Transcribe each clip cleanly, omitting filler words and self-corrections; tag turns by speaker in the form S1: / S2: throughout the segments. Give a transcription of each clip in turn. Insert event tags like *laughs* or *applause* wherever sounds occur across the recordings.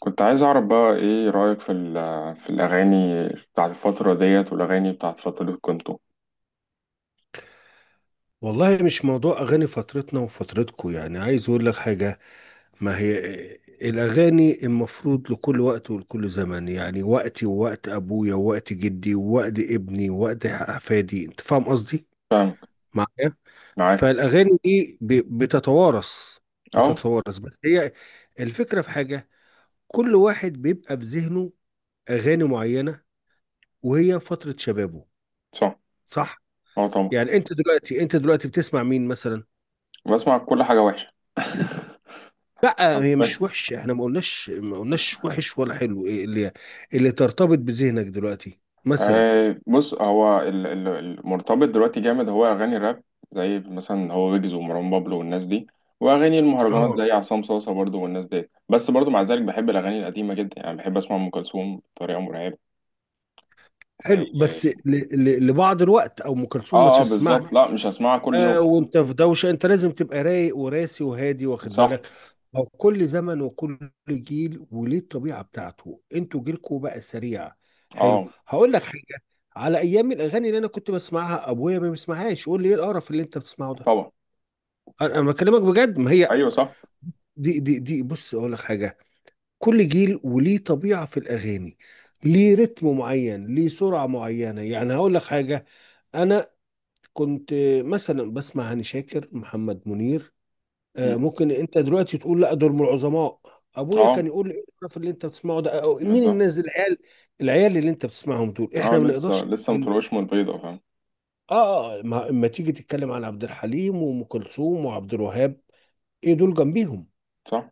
S1: كنت عايز أعرف بقى إيه رأيك في الأغاني بتاعت الفترة ديت والأغاني بتاعت فترة كنتو.
S2: والله مش موضوع أغاني فترتنا وفترتكو، يعني عايز أقول لك حاجة. ما هي الأغاني المفروض لكل وقت ولكل زمن، يعني وقتي ووقت أبويا ووقت جدي ووقت ابني ووقت أحفادي. أنت فاهم قصدي
S1: فاهم.
S2: معايا؟
S1: معاك.
S2: فالأغاني دي بتتوارث
S1: أه.
S2: بتتوارث بس هي الفكرة في حاجة. كل واحد بيبقى في ذهنه أغاني معينة، وهي فترة شبابه.
S1: صح.
S2: صح؟
S1: أه طبعا.
S2: يعني أنت دلوقتي بتسمع مين مثلا؟
S1: بسمع كل حاجة وحشة. *laughs*
S2: لا، هي مش
S1: حرفياً.
S2: وحشة. احنا ما قلناش وحش ولا حلو. ايه اللي ترتبط بذهنك دلوقتي مثلا؟
S1: آه بص هو المرتبط دلوقتي جامد هو أغاني الراب، زي مثلا هو ويجز ومروان بابلو والناس دي، وأغاني المهرجانات
S2: اه،
S1: زي عصام صاصة برضو والناس دي، بس برضو مع ذلك بحب الأغاني القديمة جدا، يعني بحب أسمع أم كلثوم بطريقة مرعبة. آه
S2: حلو، بس لبعض الوقت. او ام كلثوم ما
S1: آه آه،
S2: تسمعها؟
S1: بالظبط، لا مش هسمعها كل يوم.
S2: آه، وانت في دوشه، انت لازم تبقى رايق وراسي وهادي، واخد
S1: صح.
S2: بالك. هو كل زمن وكل جيل وليه الطبيعه بتاعته. انتوا جيلكوا بقى سريع. حلو،
S1: اه
S2: هقول لك حاجه. على ايام الاغاني اللي انا كنت بسمعها، ابويا ما بيسمعهاش، يقول لي ايه القرف اللي انت بتسمعه ده.
S1: طبعا.
S2: انا بكلمك بجد. ما هي
S1: ايوه صح.
S2: دي، بص اقول لك حاجه، كل جيل وليه طبيعه في الاغاني. ليه رتم معين، ليه سرعه معينه. يعني هقول لك حاجه، انا كنت مثلا بسمع هاني شاكر، محمد منير. آه،
S1: مم.
S2: ممكن انت دلوقتي تقول لا، دول من العظماء. ابويا
S1: اه
S2: كان يقول لي ايه القرف اللي انت بتسمعه ده، أو مين
S1: بالظبط.
S2: الناس العيال. العيال اللي انت بتسمعهم دول
S1: اه
S2: احنا ما
S1: لسه
S2: نقدرش.
S1: لسه مفروش من البيضه، فاهم.
S2: اه، ما تيجي تتكلم عن عبد الحليم وام كلثوم وعبد الوهاب، ايه دول جنبيهم؟
S1: صح.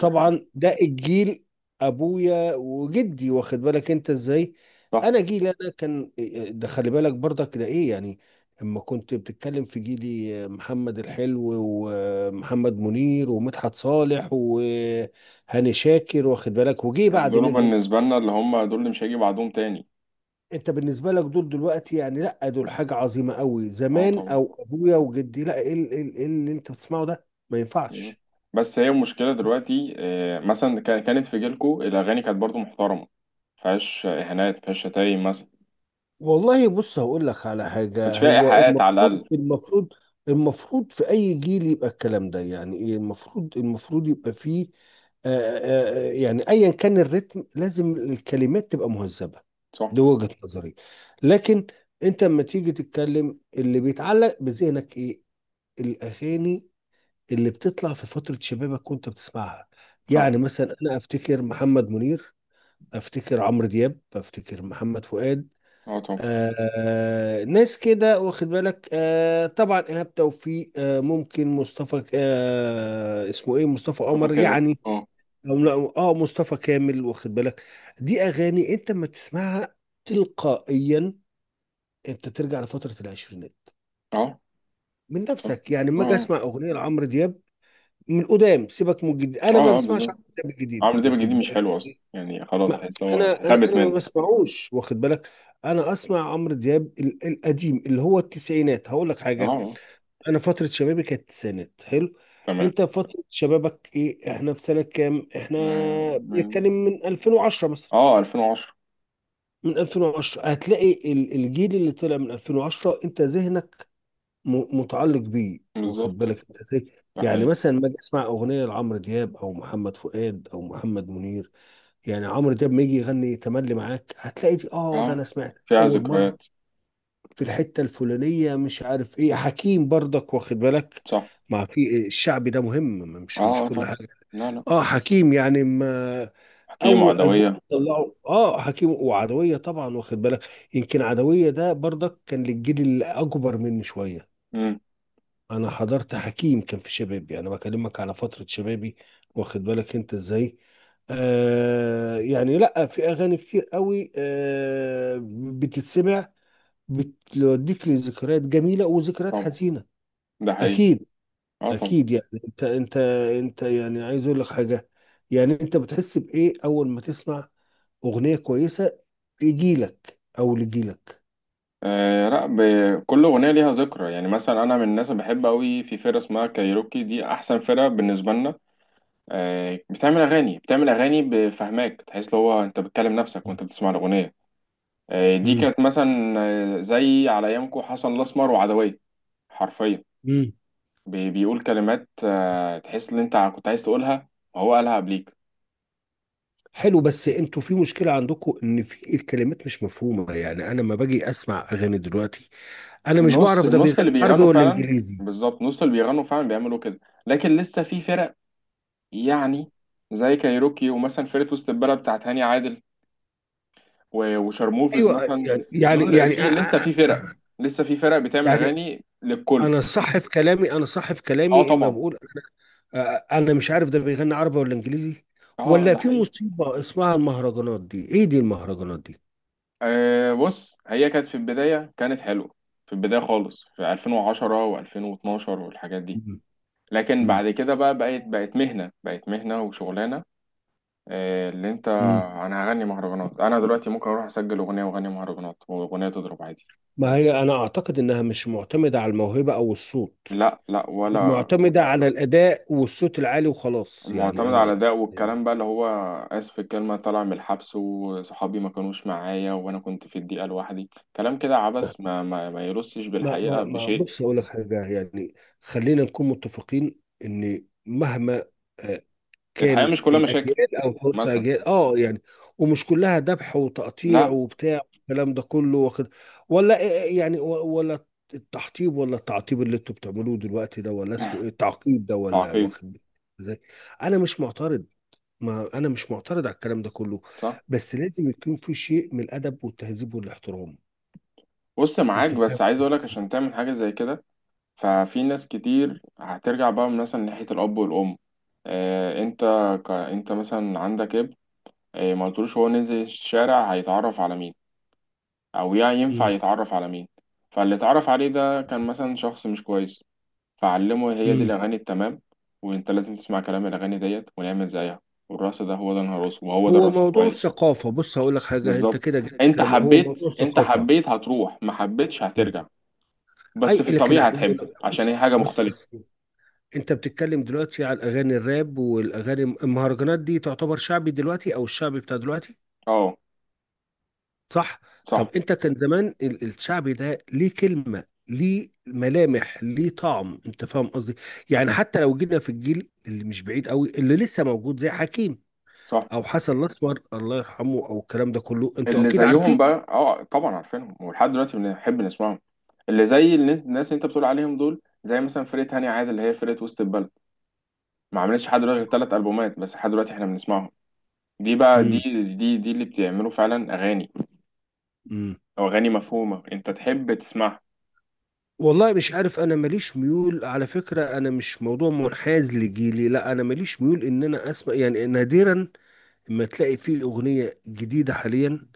S1: ده حقيقي.
S2: ده الجيل، ابويا وجدي، واخد بالك انت ازاي.
S1: صح.
S2: انا جيلي انا كان، ده خلي بالك برضك، ده ايه يعني، اما كنت بتتكلم في جيلي، محمد الحلو ومحمد منير ومدحت صالح وهاني شاكر، واخد بالك، وجي بعد
S1: دول
S2: منهم.
S1: بالنسبه لنا اللي هم دول اللي مش هيجي بعدهم تاني.
S2: انت بالنسبه لك دول دلوقتي، يعني لا، دول حاجه عظيمه قوي
S1: اه
S2: زمان.
S1: طبعا.
S2: او ابويا وجدي، لا، ايه إيه اللي انت بتسمعه ده، ما
S1: بالظبط.
S2: ينفعش.
S1: بس هي المشكله دلوقتي آه، مثلا كانت في جيلكو الاغاني كانت برضو محترمه، مفيهاش اهانات مفيهاش شتايم مثلا،
S2: والله بص هقول لك على
S1: ما كانش
S2: حاجة،
S1: فيها
S2: هو
S1: ايحاءات على
S2: المفروض،
S1: الاقل.
S2: المفروض في أي جيل يبقى الكلام ده، يعني إيه، المفروض، يبقى فيه، يعني أيا كان الريتم، لازم الكلمات تبقى مهذبة.
S1: صح.
S2: دي وجهة نظري. لكن أنت لما تيجي تتكلم، اللي بيتعلق بذهنك إيه؟ الأغاني اللي بتطلع في فترة شبابك وأنت بتسمعها.
S1: صح.
S2: يعني مثلا أنا أفتكر محمد منير، أفتكر عمرو دياب، أفتكر محمد فؤاد.
S1: اه طبعا.
S2: آه، ناس كده، واخد بالك. آه طبعا ايهاب توفيق، آه ممكن مصطفى، آه اسمه ايه، مصطفى قمر
S1: اتفق أوي.
S2: يعني،
S1: اه.
S2: أو لا، اه، مصطفى كامل، واخد بالك. دي اغاني انت ما تسمعها تلقائيا، انت ترجع لفتره العشرينات
S1: اه
S2: من
S1: صح.
S2: نفسك. يعني
S1: اه
S2: لما اجي
S1: اه
S2: اسمع اغنيه لعمرو دياب، من قدام، سيبك من الجديد،
S1: اه
S2: انا ما
S1: آه،
S2: بسمعش
S1: بالظبط.
S2: عمرو دياب الجديد،
S1: عمرو دياب الجديد
S2: واخد
S1: مش
S2: بالك.
S1: حلو اصلا يعني، خلاص
S2: ما
S1: تحس إن هو
S2: انا انا
S1: خابت
S2: انا ما
S1: منه.
S2: بسمعوش، واخد بالك. انا اسمع عمرو دياب القديم، اللي هو التسعينات. هقول لك
S1: اه
S2: حاجه،
S1: آه،
S2: انا فتره شبابي كانت التسعينات. حلو.
S1: تمام.
S2: انت فتره شبابك ايه؟ احنا في سنه كام احنا؟
S1: آه، من.
S2: بنتكلم من 2010 مثلا.
S1: اه 2010.
S2: من 2010 هتلاقي الجيل اللي طلع من 2010 انت ذهنك متعلق بيه،
S1: بالظبط.
S2: واخد بالك انت ازاي.
S1: ده
S2: يعني
S1: حقيقي.
S2: مثلا ما اجي اسمع اغنيه لعمرو دياب او محمد فؤاد او محمد منير. يعني عمرو دياب ما يجي يغني تملي معاك، هتلاقي دي، اه، ده
S1: اه
S2: انا سمعت
S1: فيها
S2: اول
S1: ذكريات.
S2: مره في الحته الفلانيه، مش عارف ايه. حكيم برضك، واخد بالك،
S1: صح.
S2: ما في الشعبي ده مهم.
S1: اه
S2: مش
S1: اه
S2: كل
S1: طبعا.
S2: حاجه.
S1: لا لا.
S2: اه حكيم يعني، ما
S1: حكيمة
S2: اول البوم
S1: عدوية.
S2: طلعه اه حكيم وعدويه طبعا، واخد بالك. يمكن عدويه ده برضك كان للجيل الاكبر مني شويه.
S1: امم.
S2: انا حضرت حكيم كان في شبابي، انا بكلمك على فترة شبابي، واخد بالك انت ازاي. آه يعني لا، في اغاني كتير قوي آه بتتسمع، بتوديك لذكريات جميلة وذكريات
S1: طبعا.
S2: حزينة.
S1: ده حقيقي.
S2: اكيد.
S1: اه طبعا.
S2: اكيد يعني انت، انت يعني عايز اقول لك حاجة، يعني انت بتحس بايه اول ما تسمع اغنية كويسة لجيلك او لجيلك.
S1: آه لا كل اغنيه ليها ذكرى، يعني مثلا انا من الناس اللي بحب قوي في فرقه اسمها كايروكي، دي احسن فرقه بالنسبه لنا. آه بتعمل اغاني بفهماك تحس اللي هو انت بتكلم نفسك وانت بتسمع الاغنيه. آه دي كانت مثلا آه، زي على ايامكم حسن الاسمر وعدويه. حرفيا.
S2: مم.
S1: بيقول كلمات آه، تحس ان انت كنت عايز تقولها وهو قالها قبليك.
S2: حلو، بس انتوا في مشكلة عندكم، ان في الكلمات مش مفهومة. يعني انا لما باجي اسمع اغاني دلوقتي، انا مش
S1: نص
S2: بعرف ده
S1: النص
S2: بيغني
S1: اللي
S2: عربي
S1: بيغنوا
S2: ولا
S1: فعلا.
S2: انجليزي.
S1: بالظبط نص اللي بيغنوا فعلا بيعملوا كده. لكن لسه في فرق، يعني زي كايروكي ومثلا فرقة وسط البلد بتاعت هاني عادل وشارموفيز
S2: ايوه،
S1: مثلا.
S2: يعني يعني
S1: دول
S2: يعني
S1: في لسه
S2: أ-
S1: في
S2: أ-
S1: فرق، لسه في فرق بتعمل
S2: يعني
S1: اغاني للكل.
S2: انا صح في كلامي، انا صح في
S1: اه
S2: كلامي اما
S1: طبعا.
S2: بقول، أ- انا مش عارف ده بيغني عربي ولا انجليزي.
S1: اه
S2: ولا
S1: ده
S2: في
S1: حقيقي.
S2: مصيبة اسمها المهرجانات دي، ايه دي المهرجانات دي.
S1: آه بص هي كانت في البداية كانت حلوة، في البداية خالص في 2010 و2012 والحاجات دي.
S2: مم.
S1: لكن
S2: مم.
S1: بعد كده بقى بقت مهنة، بقت مهنة وشغلانة. آه، اللي انت.
S2: مم.
S1: انا هغني مهرجانات، انا دلوقتي ممكن اروح اسجل اغنية واغني مهرجانات واغنية تضرب عادي.
S2: ما هي انا اعتقد انها مش معتمدة على الموهبة او الصوت،
S1: لا لا ولا.
S2: معتمدة على الأداء والصوت العالي وخلاص. يعني
S1: معتمد
S2: أنا،
S1: على ده والكلام بقى اللي هو اسف في الكلمة، طالع من الحبس وصحابي ما كانوش معايا وانا كنت في الضيقة لوحدي، كلام كده عبث ما يرصش
S2: ما
S1: بالحقيقة
S2: ما ما
S1: بشيء.
S2: بص أقول لك حاجة، يعني خلينا نكون متفقين إن مهما آه،
S1: الحياة
S2: كان
S1: مش كلها مشاكل
S2: الأجيال أو خمس
S1: مثلا.
S2: أجيال، أه يعني ومش كلها ذبح وتقطيع
S1: لا.
S2: وبتاع، الكلام ده كله واخد، ولا يعني، ولا التحطيب، ولا التعطيب اللي انتوا بتعملوه دلوقتي ده، ولا اسمه ايه التعقيد ده، ولا
S1: تعقيد.
S2: واخد ازاي. انا مش معترض، ما انا مش معترض على الكلام ده كله،
S1: صح.
S2: بس لازم يكون في شيء من الادب والتهذيب والاحترام.
S1: بص معاك
S2: انت
S1: بس
S2: فاهم؟
S1: عايز اقولك عشان تعمل حاجة زي كده، ففي ناس كتير هترجع بقى مثلا ناحية الأب والأم. آه، أنت أنت مثلا عندك ابن آه، ما قلتلوش هو نزل الشارع هيتعرف على مين أو يعني ينفع
S2: امم
S1: يتعرف على مين. فاللي اتعرف عليه ده كان مثلا شخص مش كويس، فعلمه هي دي
S2: امم
S1: الأغاني التمام، وأنت لازم تسمع كلام الأغاني ديت ونعمل زيها، والرقص ده هو ده الرقص وهو ده
S2: هو
S1: الرقص
S2: موضوع
S1: كويس.
S2: ثقافه، بص هقول لك حاجه، انت
S1: بالظبط.
S2: كده جبت
S1: أنت
S2: كلام، هو موضوع
S1: حبيت، أنت
S2: ثقافه.
S1: حبيت هتروح، ما حبيتش
S2: مم.
S1: هترجع.
S2: اي
S1: بس في
S2: لكن
S1: الطبيعة
S2: عايز اقول لك،
S1: هتحب عشان هي
S2: بص
S1: حاجة
S2: بص
S1: مختلفة.
S2: أصل، انت بتتكلم دلوقتي على الاغاني الراب والاغاني المهرجانات، دي تعتبر شعبي دلوقتي، او الشعبي بتاع دلوقتي.
S1: اه
S2: صح؟ طب
S1: صح.
S2: انت كان زمان الشعبي ده ليه كلمة، ليه ملامح، ليه طعم، انت فاهم قصدي؟ يعني حتى لو جينا في الجيل اللي مش بعيد قوي، اللي لسه موجود زي حكيم،
S1: صح.
S2: او حسن الاسمر الله يرحمه، او الكلام ده كله، انتوا
S1: اللي
S2: اكيد عارفين.
S1: زيهم بقى اه طبعا عارفينهم، ولحد دلوقتي بنحب نسمعهم، اللي زي الناس الناس اللي انت بتقول عليهم دول، زي مثلا فرقة هاني عادل اللي هي فرقة وسط البلد، ما عملتش لحد دلوقتي غير ثلاث ألبومات بس، لحد دلوقتي احنا بنسمعهم. دي بقى دي
S2: امم
S1: دي دي اللي بتعملوا فعلا أغاني،
S2: امم
S1: أو أغاني مفهومة انت تحب تسمعها.
S2: والله مش عارف، انا ماليش ميول على فكرة. انا مش موضوع منحاز لجيلي، لا، انا ماليش ميول ان انا اسمع. يعني نادرا ما تلاقي فيه اغنية جديدة حاليا،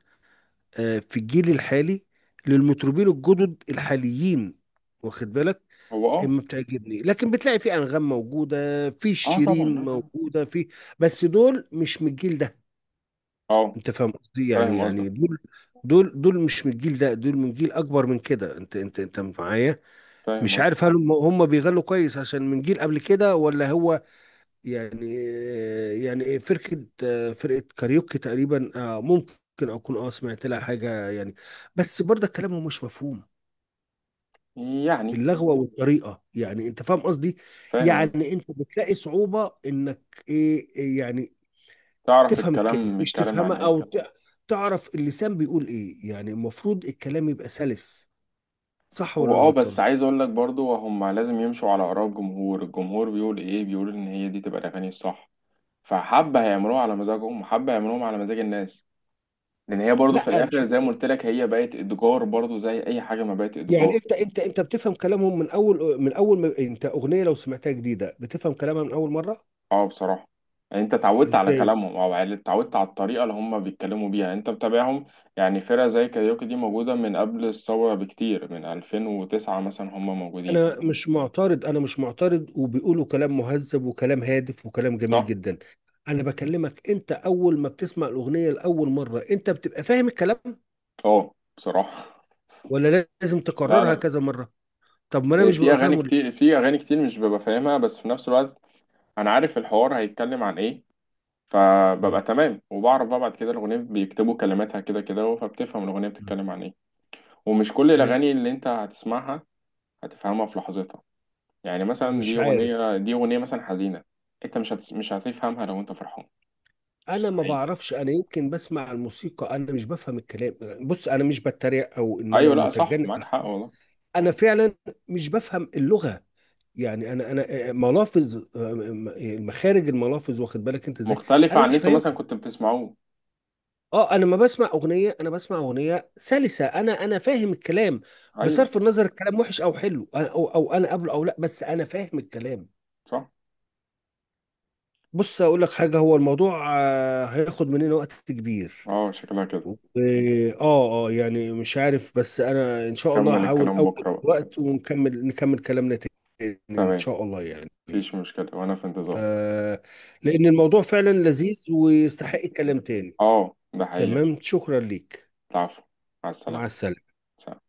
S2: في الجيل الحالي، للمطربين الجدد الحاليين، واخد بالك،
S1: هو اه.
S2: ما بتعجبني. لكن بتلاقي في انغام موجوده، في
S1: اه طبعا.
S2: شيرين
S1: اه
S2: موجوده، في، بس دول مش من الجيل ده.
S1: اه آه،
S2: انت فاهم قصدي؟ يعني
S1: فاهم قصدك.
S2: يعني دول، دول مش من الجيل ده، دول من جيل اكبر من كده، انت انت معايا.
S1: فاهم
S2: مش
S1: قصدك.
S2: عارف هل هم بيغنوا كويس عشان من جيل قبل كده، ولا هو يعني. يعني فرقة كاريوكي تقريبا، آه، ممكن أكون أه سمعت لها حاجة، يعني بس برضه كلامهم مش مفهوم،
S1: يعني
S2: اللغوة والطريقة. يعني أنت فاهم قصدي؟
S1: فاهم قصدك.
S2: يعني أنت بتلاقي صعوبة إنك، إيه إيه يعني،
S1: تعرف
S2: تفهم الكلمة،
S1: الكلام
S2: مش
S1: بيتكلم عن
S2: تفهمها،
S1: ايه.
S2: أو تعرف اللسان بيقول إيه. يعني المفروض الكلام يبقى سلس، صح ولا
S1: هو
S2: أنا
S1: اه
S2: غلطان؟
S1: بس عايز اقول لك برضو، هم لازم يمشوا على اراء الجمهور، الجمهور بيقول ايه؟ بيقول ان هي دي تبقى الاغاني الصح، فحبة هيعملوها على مزاجهم وحبة هيعملوهم على مزاج الناس، لان هي برضو في
S2: لا مش
S1: الاخر زي ما قلت لك، هي بقت اتجار برضو زي اي حاجة ما بقت اتجار.
S2: يعني، انت انت بتفهم كلامهم من اول، من اول ما انت اغنيه لو سمعتها جديده بتفهم كلامها من اول مره
S1: اه بصراحة. يعني انت اتعودت على
S2: ازاي؟
S1: كلامهم، اتعودت على الطريقة اللي هم بيتكلموا بيها، انت متابعهم. يعني فرقة زي كاريوكي دي موجودة من قبل الثورة بكتير، من 2009 مثلا هم موجودين.
S2: انا مش معترض، انا مش معترض، وبيقولوا كلام مهذب وكلام هادف وكلام جميل
S1: صح.
S2: جدا. انا بكلمك انت اول ما بتسمع الاغنيه لاول مره، انت بتبقى فاهم الكلام
S1: اه بصراحة.
S2: ولا لازم
S1: *laughs* لا
S2: تكررها
S1: لا.
S2: كذا مره؟ طب ما انا
S1: إيه،
S2: مش
S1: في
S2: ببقى
S1: اغاني
S2: فاهمه ليه؟
S1: كتير، في اغاني كتير مش ببقى فاهمها، بس في نفس الوقت انا عارف الحوار هيتكلم عن ايه،
S2: مم.
S1: فببقى تمام وبعرف بقى بعد كده الاغنيه بيكتبوا كلماتها كده كده فبتفهم الاغنيه
S2: مم.
S1: بتتكلم عن ايه. ومش كل
S2: انا
S1: الاغاني اللي انت هتسمعها هتفهمها في لحظتها، يعني مثلا
S2: مش عارف،
S1: دي اغنيه مثلا حزينه، انت مش هتفهمها لو انت فرحان.
S2: انا ما
S1: مستحيل.
S2: بعرفش، انا يمكن بسمع الموسيقى، انا مش بفهم الكلام. بص انا مش بتريق او ان انا
S1: ايوه لا صح
S2: متجنن،
S1: معاك حق والله.
S2: انا فعلا مش بفهم اللغه. يعني انا انا ملافظ، مخارج الملافظ، واخد بالك انت ازاي.
S1: مختلفه
S2: انا
S1: عن
S2: مش
S1: اللي انتوا مثلا
S2: فاهمها.
S1: كنتوا بتسمعوه.
S2: اه، انا ما بسمع اغنيه، انا بسمع اغنيه سلسه انا، انا فاهم الكلام،
S1: ايوه
S2: بصرف النظر الكلام وحش او حلو. او انا قبله او لا، بس انا فاهم الكلام.
S1: صح.
S2: بص اقول لك حاجه، هو الموضوع هياخد مننا وقت كبير.
S1: اه شكلها كده.
S2: اه اه يعني مش عارف، بس انا ان شاء الله
S1: كمل
S2: هحاول
S1: الكلام
S2: اوجد
S1: بكره بقى.
S2: وقت ونكمل، نكمل كلامنا تاني ان
S1: تمام.
S2: شاء الله يعني.
S1: مفيش مشكله وانا في
S2: ف
S1: انتظار.
S2: لأن الموضوع فعلا لذيذ ويستحق كلام تاني.
S1: اه ده حقيقة.
S2: تمام، شكرا ليك.
S1: العفو. مع
S2: مع
S1: السلامة.
S2: السلامة.
S1: سلام.